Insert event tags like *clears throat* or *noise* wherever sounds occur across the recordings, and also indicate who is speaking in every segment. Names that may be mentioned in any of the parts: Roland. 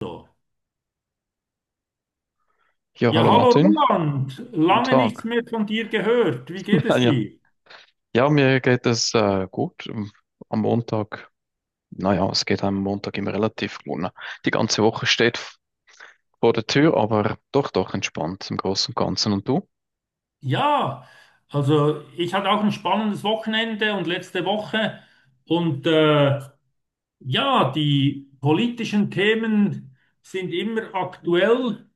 Speaker 1: So.
Speaker 2: Ja,
Speaker 1: Ja,
Speaker 2: hallo
Speaker 1: hallo
Speaker 2: Martin,
Speaker 1: Roland,
Speaker 2: guten
Speaker 1: lange nichts
Speaker 2: Tag.
Speaker 1: mehr von dir gehört. Wie geht
Speaker 2: *laughs*
Speaker 1: es
Speaker 2: Ja,
Speaker 1: dir?
Speaker 2: ja, mir geht es gut. Am Montag, naja, es geht einem Montag immer relativ gut. Ne? Die ganze Woche steht vor der Tür, aber doch, doch entspannt im Großen und Ganzen. Und du?
Speaker 1: Ja, also ich hatte auch ein spannendes Wochenende und letzte Woche und ja, die politischen Themen sind immer aktuell.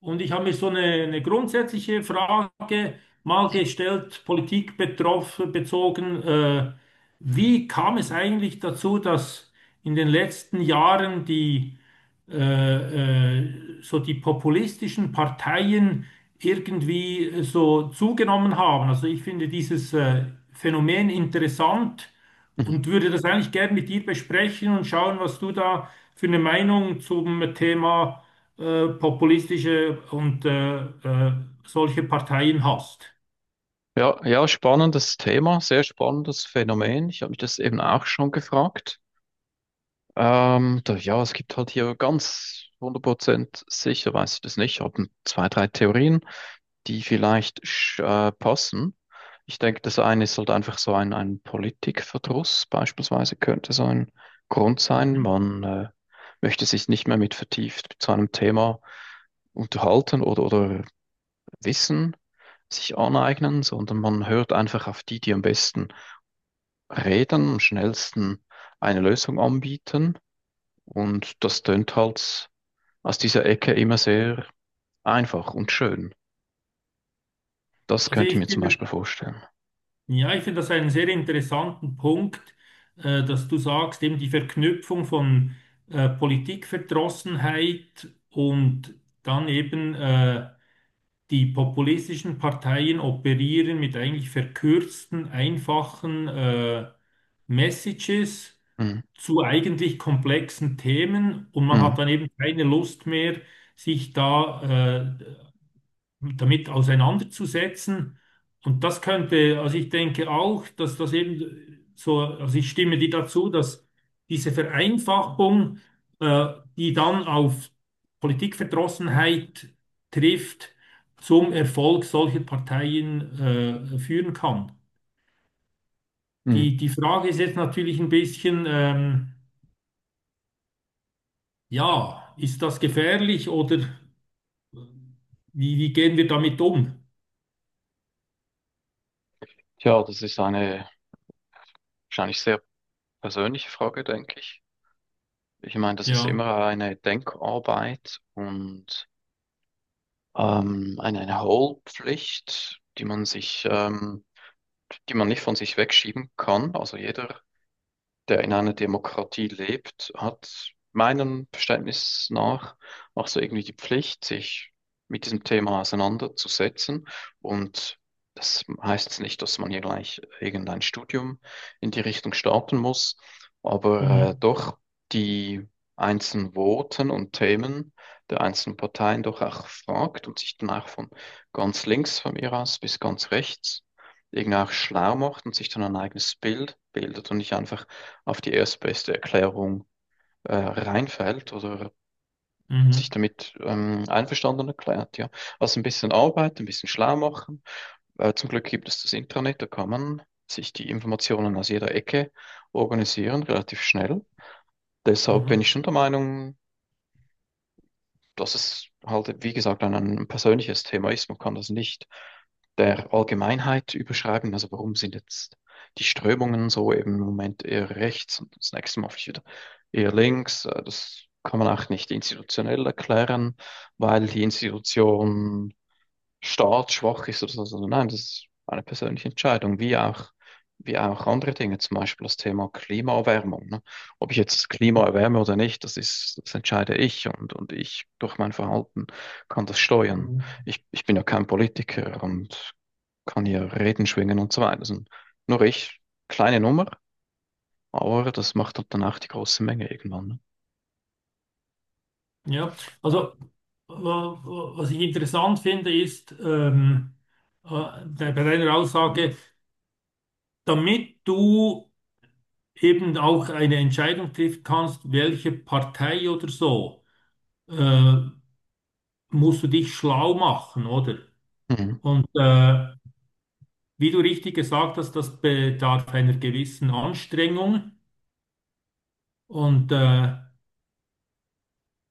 Speaker 1: Und ich habe mir so eine grundsätzliche Frage mal gestellt, Politik betroffen, bezogen. Wie kam es eigentlich dazu, dass in den letzten Jahren so die populistischen Parteien irgendwie so zugenommen haben? Also ich finde dieses Phänomen interessant
Speaker 2: Mhm.
Speaker 1: und würde das eigentlich gern mit dir besprechen und schauen, was du da für eine Meinung zum Thema populistische und solche Parteien hast.
Speaker 2: Ja, ja, spannendes Thema, sehr spannendes Phänomen. Ich habe mich das eben auch schon gefragt. Da, ja, es gibt halt hier ganz 100% sicher, weiß ich das nicht. Ich habe zwei, drei Theorien, die vielleicht passen. Ich denke, das eine ist halt einfach so ein Politikverdruss, beispielsweise, könnte so ein Grund sein.
Speaker 1: Mhm.
Speaker 2: Man möchte sich nicht mehr mit vertieft zu einem Thema unterhalten oder Wissen sich aneignen, sondern man hört einfach auf die, die am besten reden, am schnellsten eine Lösung anbieten. Und das tönt halt aus dieser Ecke immer sehr einfach und schön. Das
Speaker 1: Also
Speaker 2: könnte ich
Speaker 1: ich
Speaker 2: mir zum
Speaker 1: finde,
Speaker 2: Beispiel vorstellen.
Speaker 1: ja, ich finde das einen sehr interessanten Punkt, dass du sagst, eben die Verknüpfung von Politikverdrossenheit und dann eben die populistischen Parteien operieren mit eigentlich verkürzten, einfachen Messages
Speaker 2: Mhm.
Speaker 1: zu eigentlich komplexen Themen, und man
Speaker 2: Mhm.
Speaker 1: hat dann eben keine Lust mehr, sich da damit auseinanderzusetzen. Und das könnte, also ich denke auch, dass das eben so, also ich stimme dir dazu, dass diese Vereinfachung, äh, die dann auf Politikverdrossenheit trifft, zum Erfolg solcher Parteien, führen kann.
Speaker 2: Mhm.
Speaker 1: Die Frage ist jetzt natürlich ein bisschen, ja, ist das gefährlich oder wie gehen wir damit um?
Speaker 2: Tja, das ist eine wahrscheinlich sehr persönliche Frage, denke ich. Ich meine, das ist
Speaker 1: Ja.
Speaker 2: immer eine Denkarbeit und eine Hohlpflicht, die man nicht von sich wegschieben kann. Also jeder, der in einer Demokratie lebt, hat meinem Verständnis nach auch so irgendwie die Pflicht, sich mit diesem Thema auseinanderzusetzen. Und das heißt jetzt nicht, dass man hier gleich irgendein Studium in die Richtung starten muss, aber
Speaker 1: Mhm.
Speaker 2: doch die einzelnen Voten und Themen der einzelnen Parteien doch auch fragt und sich dann auch von ganz links von mir aus bis ganz rechts irgendwie auch schlau macht und sich dann ein eigenes Bild bildet und nicht einfach auf die erstbeste Erklärung reinfällt oder sich
Speaker 1: Mhm.
Speaker 2: damit einverstanden erklärt, ja. Also ein bisschen Arbeit, ein bisschen schlau machen. Zum Glück gibt es das Intranet, da kann man sich die Informationen aus jeder Ecke organisieren, relativ schnell. Deshalb bin
Speaker 1: Mhm.
Speaker 2: ich schon der Meinung, das ist halt, wie gesagt, ein persönliches Thema ist. Man kann das nicht der Allgemeinheit überschreiben. Also warum sind jetzt die Strömungen so eben im Moment eher rechts und das nächste Mal wieder eher links? Das kann man auch nicht institutionell erklären, weil die Institution staatsschwach ist oder so, sondern nein, das ist eine persönliche Entscheidung, wie auch andere Dinge, zum Beispiel das Thema Klimaerwärmung. Ne? Ob ich jetzt das Klima
Speaker 1: Mhm.
Speaker 2: erwärme oder nicht, das entscheide ich und ich durch mein Verhalten kann das steuern.
Speaker 1: Mhm.
Speaker 2: Ich bin ja kein Politiker und kann hier Reden schwingen und so weiter. Das sind nur ich, kleine Nummer, aber das macht halt dann auch die große Menge irgendwann.
Speaker 1: Ja, also wa- was ich interessant finde, ist äh, bei deiner Aussage, damit du eben auch eine Entscheidung treffen kannst, welche Partei oder so, äh, musst du dich schlau machen, oder?
Speaker 2: Ne? Mhm.
Speaker 1: Und wie du richtig gesagt hast, das bedarf einer gewissen Anstrengung, und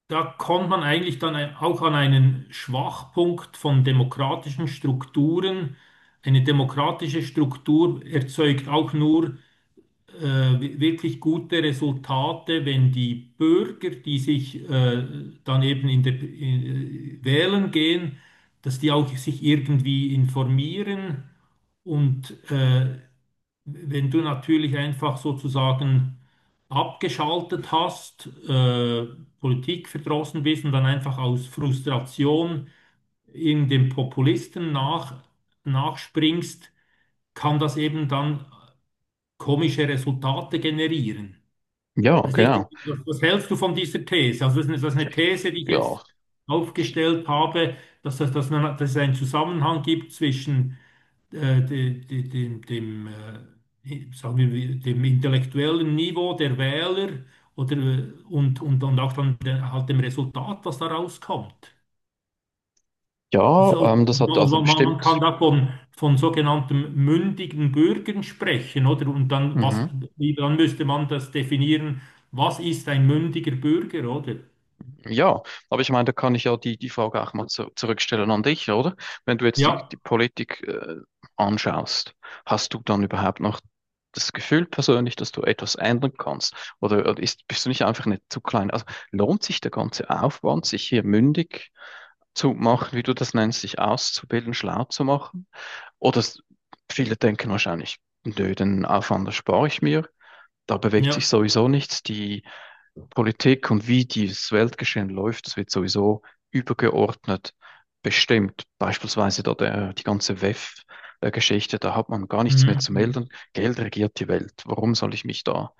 Speaker 1: da kommt man eigentlich dann auch an einen Schwachpunkt von demokratischen Strukturen. Eine demokratische Struktur erzeugt auch nur wirklich gute Resultate, wenn die Bürger, die sich dann eben wählen gehen, dass die auch sich irgendwie informieren. Und wenn du natürlich einfach sozusagen abgeschaltet hast, Politik verdrossen bist und dann einfach aus Frustration in dem Populisten nachspringst, kann das eben dann komische Resultate generieren.
Speaker 2: Ja,
Speaker 1: Weiß nicht,
Speaker 2: genau.
Speaker 1: was hältst du von dieser These? Also das ist eine These, die ich
Speaker 2: Ja,
Speaker 1: jetzt aufgestellt habe, dass es einen Zusammenhang gibt zwischen dem, sagen wir, dem intellektuellen Niveau der Wähler oder, und auch dann der, halt dem Resultat, was da rauskommt.
Speaker 2: ja,
Speaker 1: Also,
Speaker 2: das hat also
Speaker 1: man kann
Speaker 2: bestimmt.
Speaker 1: da von sogenannten mündigen Bürgern sprechen, oder? Und dann, was,
Speaker 2: Mhm.
Speaker 1: dann müsste man das definieren, was ist ein mündiger Bürger, oder?
Speaker 2: Ja, aber ich meine, da kann ich ja die Frage auch mal zurückstellen an dich, oder? Wenn du jetzt die
Speaker 1: Ja,
Speaker 2: Politik anschaust, hast du dann überhaupt noch das Gefühl persönlich, dass du etwas ändern kannst? Oder bist du nicht einfach nicht zu klein? Also lohnt sich der ganze Aufwand, sich hier mündig zu machen, wie du das nennst, sich auszubilden, schlau zu machen? Oder s- Viele denken wahrscheinlich, nö, den Aufwand erspare ich mir. Da bewegt sich
Speaker 1: ja.
Speaker 2: sowieso nichts. Die Politik und wie dieses Weltgeschehen läuft, das wird sowieso übergeordnet bestimmt. Beispielsweise da die ganze WEF-Geschichte, da hat man gar nichts mehr
Speaker 1: Mhm.
Speaker 2: zu melden.
Speaker 1: Mhm.
Speaker 2: Geld regiert die Welt. Warum soll ich mich da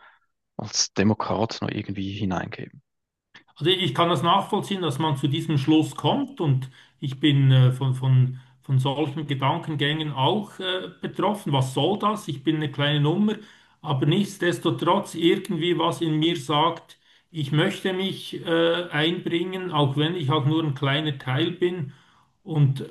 Speaker 2: als Demokrat noch irgendwie hineingeben?
Speaker 1: Also ich kann das nachvollziehen, dass man zu diesem Schluss kommt, und ich bin von solchen Gedankengängen auch betroffen. Was soll das? Ich bin eine kleine Nummer, aber nichtsdestotrotz irgendwie was in mir sagt, ich möchte mich einbringen, auch wenn ich auch nur ein kleiner Teil bin. Und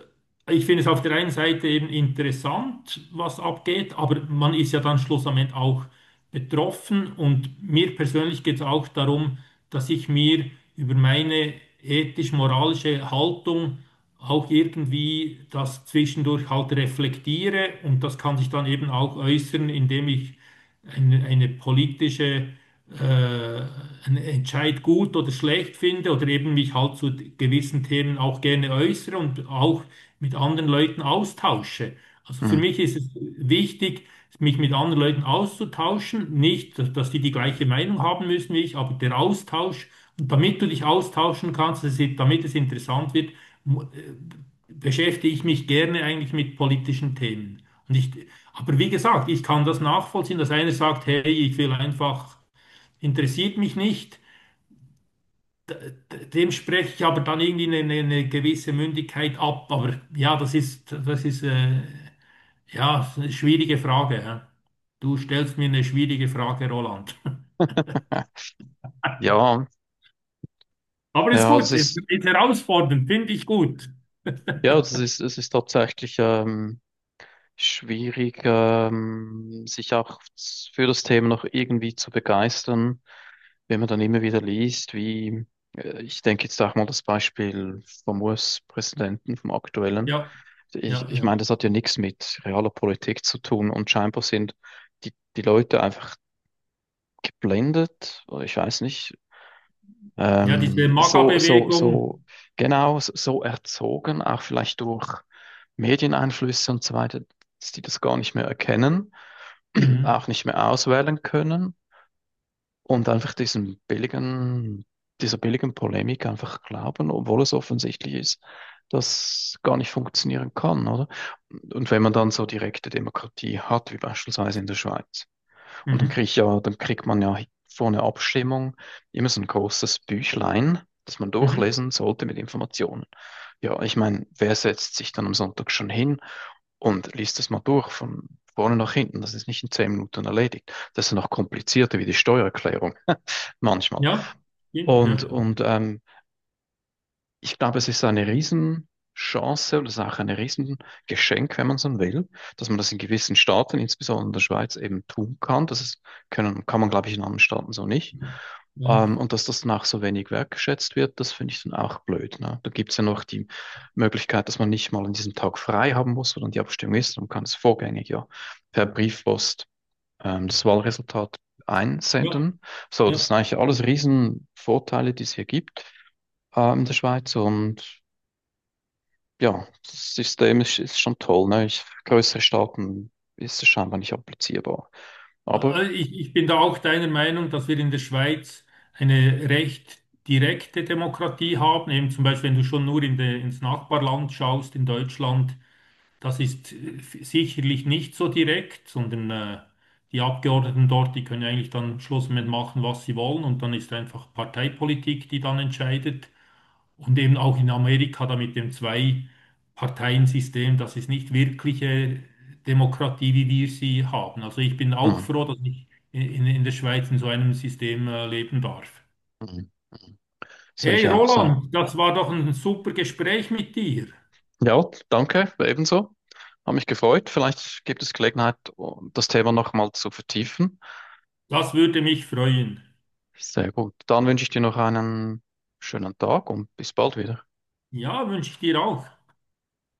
Speaker 1: ich finde es auf der einen Seite eben interessant, was abgeht, aber man ist ja dann schlussendlich auch betroffen. Und mir persönlich geht es auch darum, dass ich mir über meine ethisch-moralische Haltung auch irgendwie das zwischendurch halt reflektiere. Und das kann sich dann eben auch äußern, indem ich eine politische, äh, einen Entscheid gut oder schlecht finde oder eben mich halt zu gewissen Themen auch gerne äußere und auch mit anderen Leuten austausche. Also für
Speaker 2: Hm.
Speaker 1: mich ist es wichtig, mich mit anderen Leuten auszutauschen, nicht, dass die gleiche Meinung haben müssen wie ich, aber der Austausch, und damit du dich austauschen kannst, dass damit es interessant wird, mu- äh, beschäftige ich mich gerne eigentlich mit politischen Themen. Und aber wie gesagt, ich kann das nachvollziehen, dass einer sagt, hey, interessiert mich nicht. Dem spreche ich aber dann irgendwie eine gewisse Mündigkeit ab. Aber ja, das ist, ja, eine schwierige Frage. Hä? Du stellst mir eine schwierige Frage, Roland. *laughs*
Speaker 2: Ja,
Speaker 1: Aber ist
Speaker 2: ja,
Speaker 1: gut, ist herausfordernd, finde ich gut.
Speaker 2: es ist tatsächlich schwierig, sich auch für das Thema noch irgendwie zu begeistern, wenn man dann immer wieder liest, wie ich denke jetzt auch mal das Beispiel vom US-Präsidenten, vom aktuellen.
Speaker 1: Ja,
Speaker 2: Ich,
Speaker 1: ja,
Speaker 2: ich
Speaker 1: ja.
Speaker 2: meine, das hat ja nichts mit realer Politik zu tun und scheinbar sind die Leute einfach geblendet, oder ich weiß nicht,
Speaker 1: Ja, diese
Speaker 2: ähm, so, so,
Speaker 1: MAGA-Bewegung.
Speaker 2: so, genau, so erzogen, auch vielleicht durch Medieneinflüsse und so weiter, dass die das gar nicht mehr erkennen *clears throat*
Speaker 1: Mhm,
Speaker 2: auch nicht mehr auswählen können und einfach diesem billigen, dieser billigen Polemik einfach glauben, obwohl es offensichtlich ist, dass gar nicht funktionieren kann, oder? Und wenn man dann so direkte Demokratie hat, wie beispielsweise in der Schweiz, und
Speaker 1: mhm,
Speaker 2: dann kriegt man ja vor einer Abstimmung immer so ein großes Büchlein, das man
Speaker 1: mhm.
Speaker 2: durchlesen sollte mit Informationen. Ja, ich meine, wer setzt sich dann am Sonntag schon hin und liest das mal durch von vorne nach hinten. Das ist nicht in 10 Minuten erledigt. Das ist noch komplizierter wie die Steuererklärung *laughs* manchmal.
Speaker 1: Ja, stimmt,
Speaker 2: Und,
Speaker 1: ja.
Speaker 2: und ich glaube, es ist eine Riesenchance und es ist auch ein Riesengeschenk, wenn man so will, dass man das in gewissen Staaten, insbesondere in der Schweiz, eben tun kann. Kann man, glaube ich, in anderen Staaten so nicht.
Speaker 1: Nein.
Speaker 2: Und dass das dann auch so wenig wertgeschätzt wird, das finde ich dann auch blöd. Ne? Da gibt es ja noch die Möglichkeit, dass man nicht mal an diesem Tag frei haben muss, sondern die Abstimmung ist. Man kann es vorgängig ja per Briefpost das Wahlresultat
Speaker 1: Ja,
Speaker 2: einsenden. So, das
Speaker 1: ja.
Speaker 2: sind eigentlich alles Riesenvorteile, die es hier gibt, in der Schweiz. Und ja, das System ist schon toll. Ne? Ich, für größere Staaten ist es scheinbar nicht applizierbar. Aber
Speaker 1: Also ich bin da auch deiner Meinung, dass wir in der Schweiz eine recht direkte Demokratie haben. Eben zum Beispiel, wenn du schon nur ins Nachbarland schaust, in Deutschland, das ist sicherlich nicht so direkt, sondern die Abgeordneten dort, die können eigentlich dann am Schluss mit machen, was sie wollen, und dann ist einfach Parteipolitik, die dann entscheidet. Und eben auch in Amerika da mit dem Zwei-Parteien-System, das ist nicht wirkliche Demokratie, wie wir sie haben. Also ich bin auch
Speaker 2: hm,
Speaker 1: froh, dass ich in der Schweiz in so einem System leben darf.
Speaker 2: hm, hm. Sehe
Speaker 1: Hey
Speaker 2: ich auch so.
Speaker 1: Roland, das war doch ein super Gespräch mit dir.
Speaker 2: Ja, danke, ebenso. Hat mich gefreut. Vielleicht gibt es Gelegenheit, das Thema nochmal zu vertiefen.
Speaker 1: Das würde mich freuen.
Speaker 2: Sehr gut. Dann wünsche ich dir noch einen schönen Tag und bis bald wieder.
Speaker 1: Ja, wünsche ich dir auch.